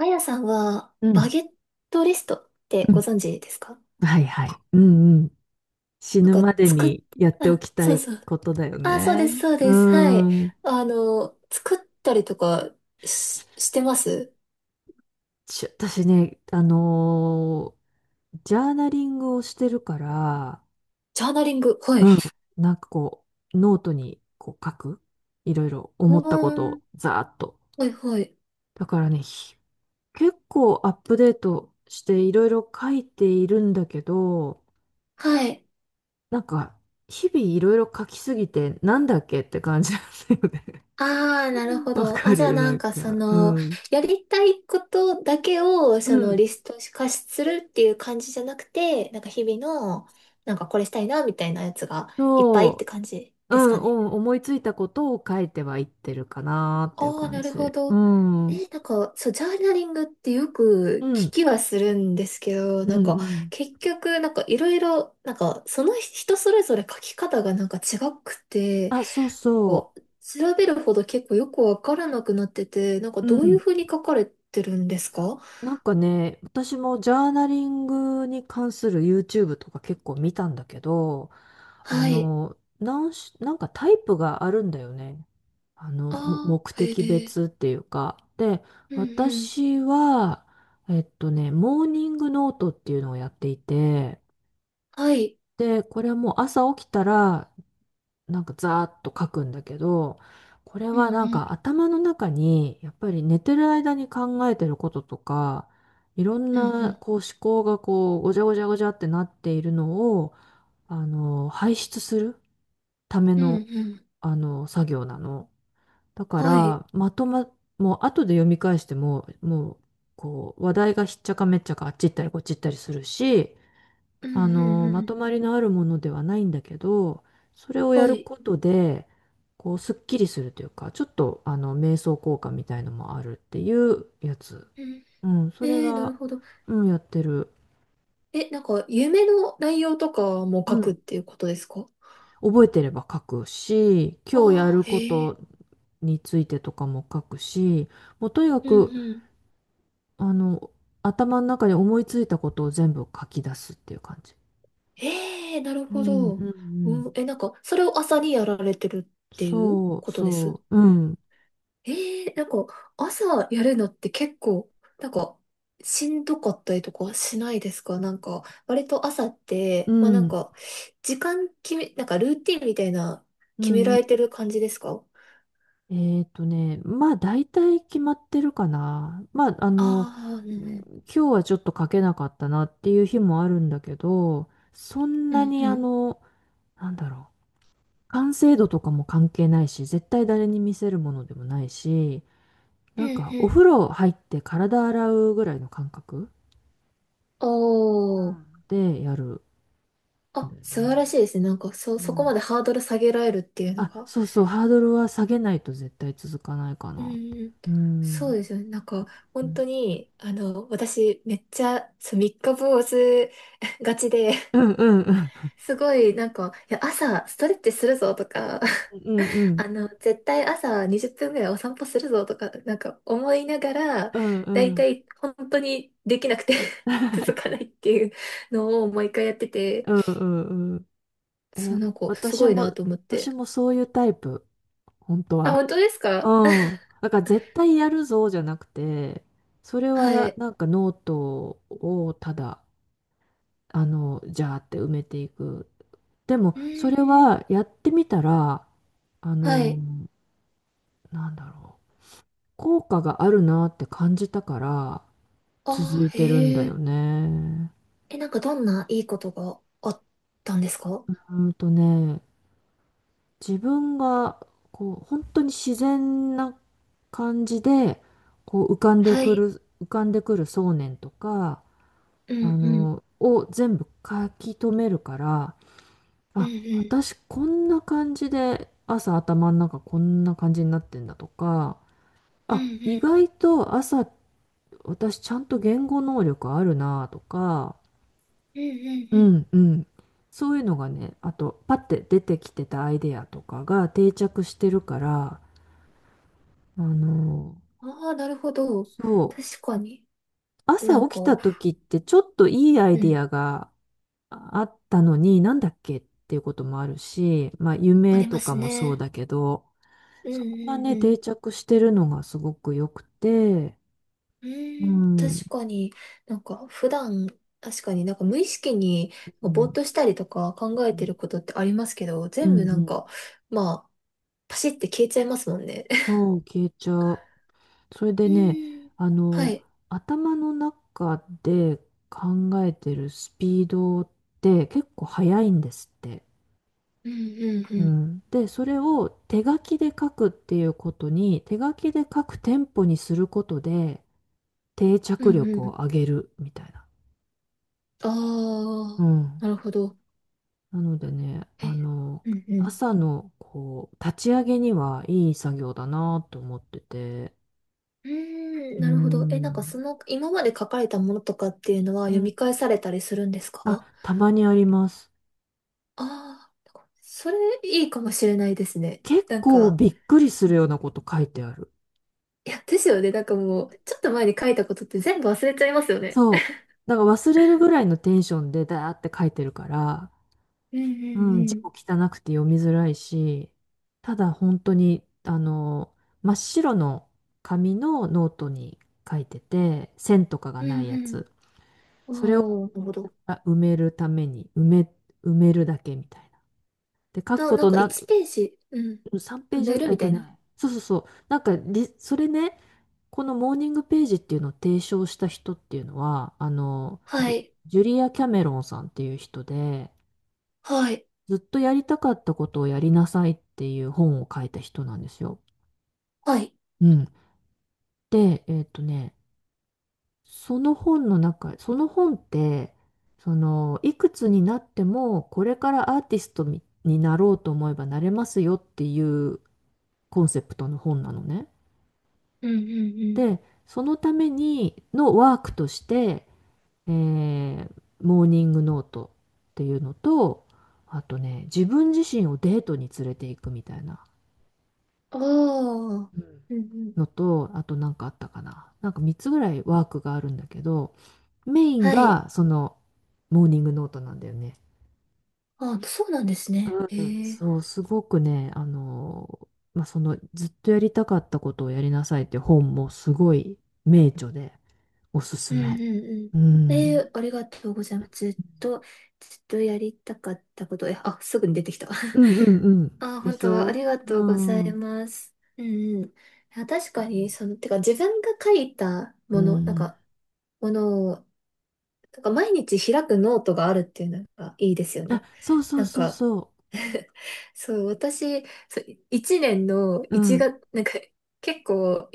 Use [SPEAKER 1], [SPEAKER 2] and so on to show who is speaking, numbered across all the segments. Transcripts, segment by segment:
[SPEAKER 1] あやさんは、
[SPEAKER 2] う
[SPEAKER 1] バ
[SPEAKER 2] ん。
[SPEAKER 1] ゲットリストって
[SPEAKER 2] う
[SPEAKER 1] ご
[SPEAKER 2] ん。
[SPEAKER 1] 存知ですか？
[SPEAKER 2] はいはい。うんうん。死
[SPEAKER 1] なん
[SPEAKER 2] ぬ
[SPEAKER 1] か、
[SPEAKER 2] まで
[SPEAKER 1] 作っ、
[SPEAKER 2] にやってお
[SPEAKER 1] あ、
[SPEAKER 2] きた
[SPEAKER 1] そう
[SPEAKER 2] い
[SPEAKER 1] そう。
[SPEAKER 2] ことだよ
[SPEAKER 1] あ、そうで
[SPEAKER 2] ね。
[SPEAKER 1] す、そう
[SPEAKER 2] う
[SPEAKER 1] です。はい。
[SPEAKER 2] ん。
[SPEAKER 1] 作ったりとかしてます。
[SPEAKER 2] 私ね、ジャーナリングをしてるから、
[SPEAKER 1] ジャーナリング。はい。
[SPEAKER 2] うん。なんかこノートにこう書く。いろいろ
[SPEAKER 1] う
[SPEAKER 2] 思ったこ
[SPEAKER 1] ー
[SPEAKER 2] と
[SPEAKER 1] ん。
[SPEAKER 2] をざーっと。
[SPEAKER 1] はい、はい。
[SPEAKER 2] だからね、結構アップデートしていろいろ書いているんだけど、
[SPEAKER 1] はい。
[SPEAKER 2] なんか、日々いろいろ書きすぎて、なんだっけって感じなんだよね。
[SPEAKER 1] ああ、なるほ
[SPEAKER 2] わ
[SPEAKER 1] ど。
[SPEAKER 2] か
[SPEAKER 1] あ、じゃあ
[SPEAKER 2] る、なん
[SPEAKER 1] そ
[SPEAKER 2] か、う
[SPEAKER 1] の、
[SPEAKER 2] ん。
[SPEAKER 1] やりたいことだけを、
[SPEAKER 2] う
[SPEAKER 1] その、
[SPEAKER 2] ん、
[SPEAKER 1] リスト化するっていう感じじゃなくて、なんか日々の、なんかこれしたいな、みたいなやつがいっぱいって
[SPEAKER 2] そ
[SPEAKER 1] 感じ
[SPEAKER 2] う、う
[SPEAKER 1] です
[SPEAKER 2] ん、
[SPEAKER 1] かね。
[SPEAKER 2] うん、思いついたことを書いてはいってるかなっていう
[SPEAKER 1] ああ、
[SPEAKER 2] 感
[SPEAKER 1] なるほ
[SPEAKER 2] じ。う
[SPEAKER 1] ど。
[SPEAKER 2] ん、うん、
[SPEAKER 1] そう、ジャーナリングってよ
[SPEAKER 2] う
[SPEAKER 1] く聞
[SPEAKER 2] ん、
[SPEAKER 1] きはするんですけど、
[SPEAKER 2] うん。
[SPEAKER 1] 結局、なんかいろいろ、なんか、その人それぞれ書き方がなんか違くて、
[SPEAKER 2] あ、そう
[SPEAKER 1] なんか、
[SPEAKER 2] そ
[SPEAKER 1] 調べるほど結構よくわからなくなってて、なんか
[SPEAKER 2] う、う
[SPEAKER 1] どういう
[SPEAKER 2] ん。
[SPEAKER 1] ふうに書かれてるんですか？
[SPEAKER 2] なんかね、私もジャーナリングに関する YouTube とか結構見たんだけど、
[SPEAKER 1] はい。
[SPEAKER 2] なんかタイプがあるんだよね。あの、
[SPEAKER 1] あ
[SPEAKER 2] 目
[SPEAKER 1] あ、へ
[SPEAKER 2] 的
[SPEAKER 1] え。
[SPEAKER 2] 別っていうか、で、
[SPEAKER 1] うんうん。
[SPEAKER 2] 私は、モーニングノートっていうのをやっていて、
[SPEAKER 1] はい。
[SPEAKER 2] で、これはもう朝起きたら、なんかザーッと書くんだけど、これ
[SPEAKER 1] うん
[SPEAKER 2] はなん
[SPEAKER 1] うん。
[SPEAKER 2] か頭の中に、やっぱり寝てる間に考えてることとか、いろん
[SPEAKER 1] うんう
[SPEAKER 2] な
[SPEAKER 1] ん。
[SPEAKER 2] こう思考がこう、ごちゃごちゃごちゃってなっているのを、あの、排出するため
[SPEAKER 1] うん
[SPEAKER 2] の、
[SPEAKER 1] うん。
[SPEAKER 2] あの、作業なの。だか
[SPEAKER 1] はい。
[SPEAKER 2] ら、まとま、もう後で読み返しても、もう、こう、話題がひっちゃかめっちゃかあっち行ったりこっち行ったりするし、
[SPEAKER 1] うん
[SPEAKER 2] あ
[SPEAKER 1] う
[SPEAKER 2] の、
[SPEAKER 1] んう
[SPEAKER 2] ま
[SPEAKER 1] ん。
[SPEAKER 2] とまりのあるものではないんだけど、それをや
[SPEAKER 1] は
[SPEAKER 2] る
[SPEAKER 1] い。
[SPEAKER 2] ことで、こう、すっきりするというか、ちょっと、あの、瞑想効果みたいのもあるっていうやつ。
[SPEAKER 1] うん。
[SPEAKER 2] うん、そ
[SPEAKER 1] え
[SPEAKER 2] れ
[SPEAKER 1] ー、な
[SPEAKER 2] が、
[SPEAKER 1] るほど。
[SPEAKER 2] うん、やってる。
[SPEAKER 1] なんか、夢の内容とかも
[SPEAKER 2] う
[SPEAKER 1] 書くっ
[SPEAKER 2] ん、
[SPEAKER 1] ていうことですか？
[SPEAKER 2] 覚えてれば書くし、今日や
[SPEAKER 1] ああ
[SPEAKER 2] る
[SPEAKER 1] ー、
[SPEAKER 2] こ
[SPEAKER 1] へ
[SPEAKER 2] と
[SPEAKER 1] え。
[SPEAKER 2] についてとかも書くし、もうとにか
[SPEAKER 1] うん
[SPEAKER 2] く、
[SPEAKER 1] うん。
[SPEAKER 2] あの、頭の中に思いついたことを全部書き出すっていう感じ。
[SPEAKER 1] ええ、なる
[SPEAKER 2] う
[SPEAKER 1] ほ
[SPEAKER 2] ん、う
[SPEAKER 1] ど。
[SPEAKER 2] ん、うん。
[SPEAKER 1] うん。なんか、それを朝にやられてるっていう
[SPEAKER 2] そう、
[SPEAKER 1] ことです。
[SPEAKER 2] そう、うん、
[SPEAKER 1] ええ、朝やるのって結構、なんか、しんどかったりとかしないですか？なんか、割と朝っ
[SPEAKER 2] う
[SPEAKER 1] て、
[SPEAKER 2] ん、
[SPEAKER 1] 時間決め、なんかルーティンみたいな、
[SPEAKER 2] う
[SPEAKER 1] 決め
[SPEAKER 2] ん。う
[SPEAKER 1] られて
[SPEAKER 2] ん
[SPEAKER 1] る感じですか？
[SPEAKER 2] まあ大体決まってるかな。まあ、あの、
[SPEAKER 1] ああー、うんうん。
[SPEAKER 2] 今日はちょっと書けなかったなっていう日もあるんだけど、そん
[SPEAKER 1] う
[SPEAKER 2] な
[SPEAKER 1] ん
[SPEAKER 2] に
[SPEAKER 1] う
[SPEAKER 2] あ
[SPEAKER 1] ん。
[SPEAKER 2] の、なんだろう、完成度とかも関係ないし、絶対誰に見せるものでもないし、
[SPEAKER 1] う
[SPEAKER 2] なん
[SPEAKER 1] ん
[SPEAKER 2] か
[SPEAKER 1] う
[SPEAKER 2] お風
[SPEAKER 1] ん。
[SPEAKER 2] 呂入って体洗うぐらいの感覚う
[SPEAKER 1] おー。
[SPEAKER 2] んでやるん
[SPEAKER 1] あ、
[SPEAKER 2] だよ
[SPEAKER 1] 素晴
[SPEAKER 2] ね。
[SPEAKER 1] らしいですね。
[SPEAKER 2] う
[SPEAKER 1] そこま
[SPEAKER 2] ん。
[SPEAKER 1] でハードル下げられるっていうの
[SPEAKER 2] あ、
[SPEAKER 1] が。
[SPEAKER 2] そうそう、ハードルは下げないと絶対続かないか
[SPEAKER 1] う
[SPEAKER 2] なって。
[SPEAKER 1] ん。
[SPEAKER 2] う
[SPEAKER 1] そう
[SPEAKER 2] ん。
[SPEAKER 1] ですよね。
[SPEAKER 2] う
[SPEAKER 1] 本
[SPEAKER 2] ん
[SPEAKER 1] 当に、あの、私、めっちゃ、そう、三日坊主 がちで、
[SPEAKER 2] うんうん
[SPEAKER 1] すごい、朝、ストレッチするぞとか、
[SPEAKER 2] うんう ん
[SPEAKER 1] あの、絶対朝20分ぐらいお散歩するぞとか、なんか、思いながら、
[SPEAKER 2] うん
[SPEAKER 1] だ
[SPEAKER 2] う
[SPEAKER 1] いた
[SPEAKER 2] ん
[SPEAKER 1] い、本当にできなくて 続かないっていうのを毎回やってて、
[SPEAKER 2] うんうんうん。
[SPEAKER 1] そ
[SPEAKER 2] え、
[SPEAKER 1] う、なんか、す
[SPEAKER 2] 私
[SPEAKER 1] ごいな
[SPEAKER 2] も、
[SPEAKER 1] と思っ
[SPEAKER 2] 私
[SPEAKER 1] て。
[SPEAKER 2] もそういうタイプ、本当
[SPEAKER 1] あ、本
[SPEAKER 2] は。
[SPEAKER 1] 当ですか？
[SPEAKER 2] う ん。だから絶対やるぞじゃなくて、それ
[SPEAKER 1] は
[SPEAKER 2] は
[SPEAKER 1] い。
[SPEAKER 2] なんかノートをただ、あの、じゃーって埋めていく。でも、
[SPEAKER 1] う
[SPEAKER 2] それ
[SPEAKER 1] ーん。
[SPEAKER 2] はやってみたら、あ
[SPEAKER 1] は
[SPEAKER 2] の、
[SPEAKER 1] い。
[SPEAKER 2] なんだろう、効果があるなって感じたから、続
[SPEAKER 1] あ
[SPEAKER 2] い
[SPEAKER 1] ー、
[SPEAKER 2] てるん
[SPEAKER 1] へ
[SPEAKER 2] だ
[SPEAKER 1] え。
[SPEAKER 2] よね。
[SPEAKER 1] なんかどんないいことがあったんですか？
[SPEAKER 2] うんとね、自分が、こう、本当に自然な感じで、こう、
[SPEAKER 1] はい。
[SPEAKER 2] 浮かんでくる想念とか、
[SPEAKER 1] う
[SPEAKER 2] あ
[SPEAKER 1] んうん。
[SPEAKER 2] の、を全部書き留めるから、
[SPEAKER 1] うん
[SPEAKER 2] あ、
[SPEAKER 1] う
[SPEAKER 2] 私こんな感じで、朝頭の中こんな感じになってんだとか、
[SPEAKER 1] ん。う
[SPEAKER 2] あ、
[SPEAKER 1] んう
[SPEAKER 2] 意
[SPEAKER 1] ん。
[SPEAKER 2] 外と朝私ちゃんと言語能力あるなとか、
[SPEAKER 1] うんう
[SPEAKER 2] う
[SPEAKER 1] ん
[SPEAKER 2] んうん。そういうのがね、あと、パッて出てきてたアイデアとかが定着してるから、あの、
[SPEAKER 1] うん。ああー、なるほど。
[SPEAKER 2] そう、
[SPEAKER 1] 確かに。な
[SPEAKER 2] 朝
[SPEAKER 1] ん
[SPEAKER 2] 起
[SPEAKER 1] か、
[SPEAKER 2] きた時ってちょっといいアイ
[SPEAKER 1] う
[SPEAKER 2] デ
[SPEAKER 1] ん。
[SPEAKER 2] アがあったのに、なんだっけっていうこともあるし、まあ、
[SPEAKER 1] あ
[SPEAKER 2] 夢
[SPEAKER 1] りま
[SPEAKER 2] と
[SPEAKER 1] す
[SPEAKER 2] かもそう
[SPEAKER 1] ね。
[SPEAKER 2] だけど、
[SPEAKER 1] うんう
[SPEAKER 2] そこが
[SPEAKER 1] ん
[SPEAKER 2] ね、
[SPEAKER 1] う
[SPEAKER 2] 定
[SPEAKER 1] ん。
[SPEAKER 2] 着してるのがすごく良くて、
[SPEAKER 1] う
[SPEAKER 2] う
[SPEAKER 1] ーん、
[SPEAKER 2] ん、う
[SPEAKER 1] 確かに。なんか普段、確かになんか無意識にぼーっと
[SPEAKER 2] ん、
[SPEAKER 1] したりとか考
[SPEAKER 2] う
[SPEAKER 1] えて
[SPEAKER 2] ん、
[SPEAKER 1] ることってありますけど、
[SPEAKER 2] う
[SPEAKER 1] 全部なん
[SPEAKER 2] ん、
[SPEAKER 1] か、まあ、パシって消えちゃいますもんね。
[SPEAKER 2] そう、消えちゃう。それ
[SPEAKER 1] え
[SPEAKER 2] でね、
[SPEAKER 1] ー、
[SPEAKER 2] あ
[SPEAKER 1] は
[SPEAKER 2] の、
[SPEAKER 1] い。
[SPEAKER 2] 頭の中で考えてるスピードって結構速いんですって。
[SPEAKER 1] うんうん
[SPEAKER 2] う
[SPEAKER 1] うん。
[SPEAKER 2] ん。で、それを手書きで書くっていうことに、手書きで書くテンポにすることで定
[SPEAKER 1] う
[SPEAKER 2] 着
[SPEAKER 1] んう
[SPEAKER 2] 力を
[SPEAKER 1] ん。
[SPEAKER 2] 上げるみたいな。
[SPEAKER 1] あ
[SPEAKER 2] う
[SPEAKER 1] あ、
[SPEAKER 2] ん。
[SPEAKER 1] なるほど。
[SPEAKER 2] なのでね、あ
[SPEAKER 1] え、
[SPEAKER 2] の、
[SPEAKER 1] うんうん。
[SPEAKER 2] 朝のこう、立ち上げにはいい作業だなと思ってて。
[SPEAKER 1] うーん、
[SPEAKER 2] う
[SPEAKER 1] なるほど。なんかそ
[SPEAKER 2] ん。
[SPEAKER 1] の、今まで書かれたものとかっていうのは
[SPEAKER 2] う
[SPEAKER 1] 読
[SPEAKER 2] ん
[SPEAKER 1] み返されたりするんですか？
[SPEAKER 2] あ、たまにあります。
[SPEAKER 1] ああー、それいいかもしれないですね。
[SPEAKER 2] 結
[SPEAKER 1] なん
[SPEAKER 2] 構
[SPEAKER 1] か、
[SPEAKER 2] びっくりす
[SPEAKER 1] う
[SPEAKER 2] る
[SPEAKER 1] ん。
[SPEAKER 2] ようなこと書いてある。
[SPEAKER 1] いや、ですよね。なんかもう、ちょっと前に書いたことって全部忘れちゃいますよね。
[SPEAKER 2] そう。だから忘れるぐらいのテンションでだーって書いてるから、
[SPEAKER 1] うんう
[SPEAKER 2] うん、字
[SPEAKER 1] ん
[SPEAKER 2] も汚くて読みづらいし、ただ本当に、あの、真っ白の紙のノートに書いてて、線とかが
[SPEAKER 1] うん。
[SPEAKER 2] ない
[SPEAKER 1] う
[SPEAKER 2] や
[SPEAKER 1] ん
[SPEAKER 2] つ。
[SPEAKER 1] うん。
[SPEAKER 2] それを
[SPEAKER 1] おお、なるほど。
[SPEAKER 2] 埋めるために、埋めるだけみたいな。で、書くこ
[SPEAKER 1] なん
[SPEAKER 2] と
[SPEAKER 1] か
[SPEAKER 2] な
[SPEAKER 1] 1
[SPEAKER 2] く、
[SPEAKER 1] ページ、うん、
[SPEAKER 2] 3ペ
[SPEAKER 1] 埋
[SPEAKER 2] ージ、
[SPEAKER 1] める
[SPEAKER 2] え
[SPEAKER 1] み
[SPEAKER 2] っ
[SPEAKER 1] た
[SPEAKER 2] と
[SPEAKER 1] いな。
[SPEAKER 2] ね、そうそうそう。なんかリ、それね、このモーニングページっていうのを提唱した人っていうのは、あの、
[SPEAKER 1] は
[SPEAKER 2] ジュ、
[SPEAKER 1] い。
[SPEAKER 2] ジュリア・キャメロンさんっていう人で、
[SPEAKER 1] はい。
[SPEAKER 2] ずっとやりたかったことをやりなさいっていう本を書いた人なんですよ。
[SPEAKER 1] はい。
[SPEAKER 2] うん。で、えっとね、その本の中、その本って、その、いくつになっても、これからアーティストになろうと思えばなれますよっていうコンセプトの本なのね。
[SPEAKER 1] うんうん
[SPEAKER 2] で、そのためにのワークとして、えーモーニングノートっていうのと、あとね、自分自身をデートに連れて行くみたいな
[SPEAKER 1] うん。ああ、
[SPEAKER 2] うん
[SPEAKER 1] うんうん。
[SPEAKER 2] のと、あとなんかあったかな。なんか3つぐらいワークがあるんだけど、メイン
[SPEAKER 1] はい。
[SPEAKER 2] がそのモーニングノートなんだよね。
[SPEAKER 1] ああ、そうなんですね。
[SPEAKER 2] うん
[SPEAKER 1] へえ。
[SPEAKER 2] そう、すごくね、あのまあ、そのずっとやりたかったことをやりなさいって本もすごい名著でおす
[SPEAKER 1] う
[SPEAKER 2] す
[SPEAKER 1] んう
[SPEAKER 2] め。
[SPEAKER 1] んうん。
[SPEAKER 2] う
[SPEAKER 1] え
[SPEAKER 2] ん。
[SPEAKER 1] え、ありがとうございます。ずっとやりたかったこと。え、あ、すぐに出てきた。
[SPEAKER 2] う んうんうん。
[SPEAKER 1] あ、
[SPEAKER 2] で
[SPEAKER 1] 本
[SPEAKER 2] し
[SPEAKER 1] 当はあ
[SPEAKER 2] ょ
[SPEAKER 1] りが
[SPEAKER 2] う
[SPEAKER 1] とうござい
[SPEAKER 2] ん。
[SPEAKER 1] ます。うんうん。あ、確かに、その、てか自分が書いた
[SPEAKER 2] う
[SPEAKER 1] もの、なん
[SPEAKER 2] ん。
[SPEAKER 1] か、ものを、なんか毎日開くノートがあるっていうのがいいですよ
[SPEAKER 2] あ、
[SPEAKER 1] ね。
[SPEAKER 2] そうそう
[SPEAKER 1] なん
[SPEAKER 2] そう
[SPEAKER 1] か、
[SPEAKER 2] そ
[SPEAKER 1] そう、私、そう、1年の
[SPEAKER 2] う。う
[SPEAKER 1] 1
[SPEAKER 2] ん、
[SPEAKER 1] 月、なんか結構、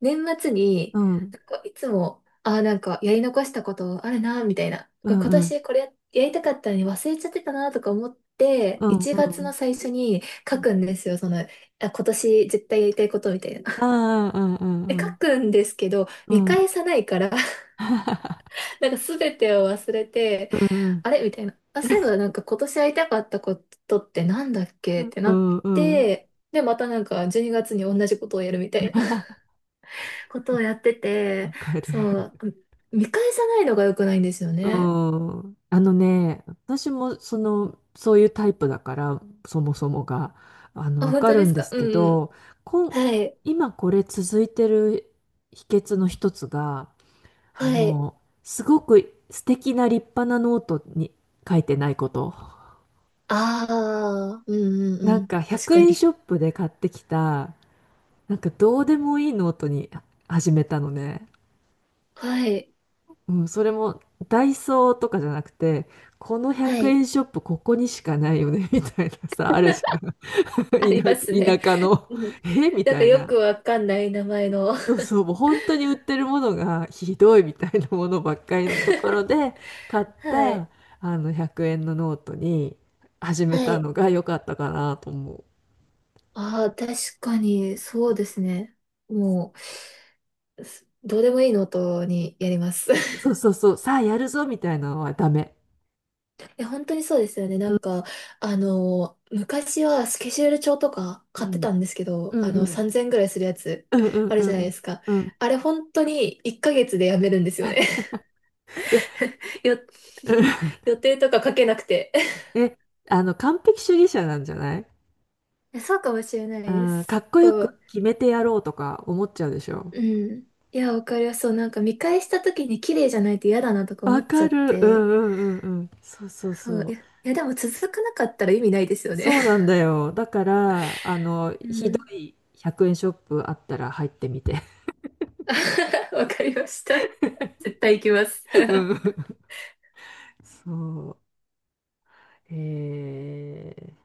[SPEAKER 1] 年末に、
[SPEAKER 2] うん、
[SPEAKER 1] なんかいつも、ああ、なんかやり残したことあるな、みたいな。
[SPEAKER 2] う
[SPEAKER 1] これ
[SPEAKER 2] ん、
[SPEAKER 1] 今
[SPEAKER 2] うん、
[SPEAKER 1] 年これや、やりたかったのに忘れちゃってたな、とか思って、
[SPEAKER 2] うん、
[SPEAKER 1] 1
[SPEAKER 2] う
[SPEAKER 1] 月の
[SPEAKER 2] ん。
[SPEAKER 1] 最初に書くんですよ。その、あ、今年絶対やりたいことみたいな。
[SPEAKER 2] ああ、うん、
[SPEAKER 1] で、
[SPEAKER 2] う
[SPEAKER 1] 書
[SPEAKER 2] ん、
[SPEAKER 1] くんですけど、
[SPEAKER 2] う
[SPEAKER 1] 見
[SPEAKER 2] ん、うん、
[SPEAKER 1] 返さないからなんか全てを忘れて、
[SPEAKER 2] うん、うん、
[SPEAKER 1] あれみたいな。あ、そういえばなんか今年会いたかったことってなんだっけって
[SPEAKER 2] う
[SPEAKER 1] なっ
[SPEAKER 2] んうん
[SPEAKER 1] て、で、またなんか12月にがつに同じことをやるみたいな ことをやってて、
[SPEAKER 2] わかる。
[SPEAKER 1] そう、見返さないのが良くないんですよ
[SPEAKER 2] う
[SPEAKER 1] ね。
[SPEAKER 2] ん。あのね、私もその、そういうタイプだから、そもそもが、あの、
[SPEAKER 1] あ、
[SPEAKER 2] わ
[SPEAKER 1] 本
[SPEAKER 2] か
[SPEAKER 1] 当
[SPEAKER 2] る
[SPEAKER 1] で
[SPEAKER 2] ん
[SPEAKER 1] す
[SPEAKER 2] で
[SPEAKER 1] か？
[SPEAKER 2] す
[SPEAKER 1] う
[SPEAKER 2] け
[SPEAKER 1] んうん。
[SPEAKER 2] ど、こん、
[SPEAKER 1] はい。
[SPEAKER 2] 今これ続いてる秘訣の一つが、あ
[SPEAKER 1] はい。
[SPEAKER 2] の、すごく素敵な立派なノートに書いてないこと。
[SPEAKER 1] ああ、うんうん
[SPEAKER 2] な
[SPEAKER 1] う
[SPEAKER 2] ん
[SPEAKER 1] ん。
[SPEAKER 2] か
[SPEAKER 1] 確
[SPEAKER 2] 100
[SPEAKER 1] かに。
[SPEAKER 2] 円シ ョップで買ってきた、なんかどうでもいいノートに始めたのね。
[SPEAKER 1] はい。
[SPEAKER 2] うん、それもダイソーとかじゃなくて、この
[SPEAKER 1] は
[SPEAKER 2] 100
[SPEAKER 1] い。
[SPEAKER 2] 円ショップここにしかないよね、みたいなさ、あるじゃん。
[SPEAKER 1] あります ね。
[SPEAKER 2] 田舎の、
[SPEAKER 1] うん。
[SPEAKER 2] えみ
[SPEAKER 1] なん
[SPEAKER 2] た
[SPEAKER 1] か
[SPEAKER 2] い
[SPEAKER 1] よ
[SPEAKER 2] な。
[SPEAKER 1] くわかんない名前の。
[SPEAKER 2] そう そう、もう本当に売ってるものがひどいみたいなものばっかりのところで買っ
[SPEAKER 1] は
[SPEAKER 2] た
[SPEAKER 1] い。
[SPEAKER 2] あの100円のノートに始め
[SPEAKER 1] は
[SPEAKER 2] た
[SPEAKER 1] い。
[SPEAKER 2] のが良かったかなと思う。
[SPEAKER 1] ああ、確かに、そうですね。もう、すどうでもいいのとにやります。
[SPEAKER 2] そうそう そう、さあやるぞみたいなのはダメ。
[SPEAKER 1] え、本当にそうですよね。
[SPEAKER 2] うん
[SPEAKER 1] あの、昔はスケジュール帳とか
[SPEAKER 2] う
[SPEAKER 1] 買って
[SPEAKER 2] ん。
[SPEAKER 1] たんですけど、
[SPEAKER 2] うん
[SPEAKER 1] あ
[SPEAKER 2] う
[SPEAKER 1] の、
[SPEAKER 2] ん。
[SPEAKER 1] 3000ぐらいするやつ
[SPEAKER 2] うんう ん
[SPEAKER 1] あ
[SPEAKER 2] う
[SPEAKER 1] るじゃないで
[SPEAKER 2] ん
[SPEAKER 1] すか。
[SPEAKER 2] うん。うん。
[SPEAKER 1] あれ、本当に1ヶ月でやめるんですよね。
[SPEAKER 2] いや、
[SPEAKER 1] よ、
[SPEAKER 2] うん
[SPEAKER 1] 予定とか書けなくて。
[SPEAKER 2] え、あの、完璧主義者なんじゃない
[SPEAKER 1] いや、そうかもしれない
[SPEAKER 2] う
[SPEAKER 1] で
[SPEAKER 2] ん、か
[SPEAKER 1] す。
[SPEAKER 2] っこよ
[SPEAKER 1] そ
[SPEAKER 2] く
[SPEAKER 1] う。
[SPEAKER 2] 決めてやろうとか思っちゃうでしょ。
[SPEAKER 1] うん。いや、わかります。そう、なんか見返した時に綺麗じゃないと嫌だなとか思
[SPEAKER 2] わ
[SPEAKER 1] っち
[SPEAKER 2] か
[SPEAKER 1] ゃっ
[SPEAKER 2] る。う
[SPEAKER 1] て。
[SPEAKER 2] んうんうんうん。そうそう
[SPEAKER 1] そう、い
[SPEAKER 2] そ
[SPEAKER 1] や、いやでも続かなかったら意味ないですよ
[SPEAKER 2] う。
[SPEAKER 1] ね。
[SPEAKER 2] そうなんだよ。だから、あの、
[SPEAKER 1] う
[SPEAKER 2] ひど
[SPEAKER 1] ん。
[SPEAKER 2] い100円ショップあったら入ってみて。
[SPEAKER 1] わかりました。絶対行きます。
[SPEAKER 2] う ん。そう。えー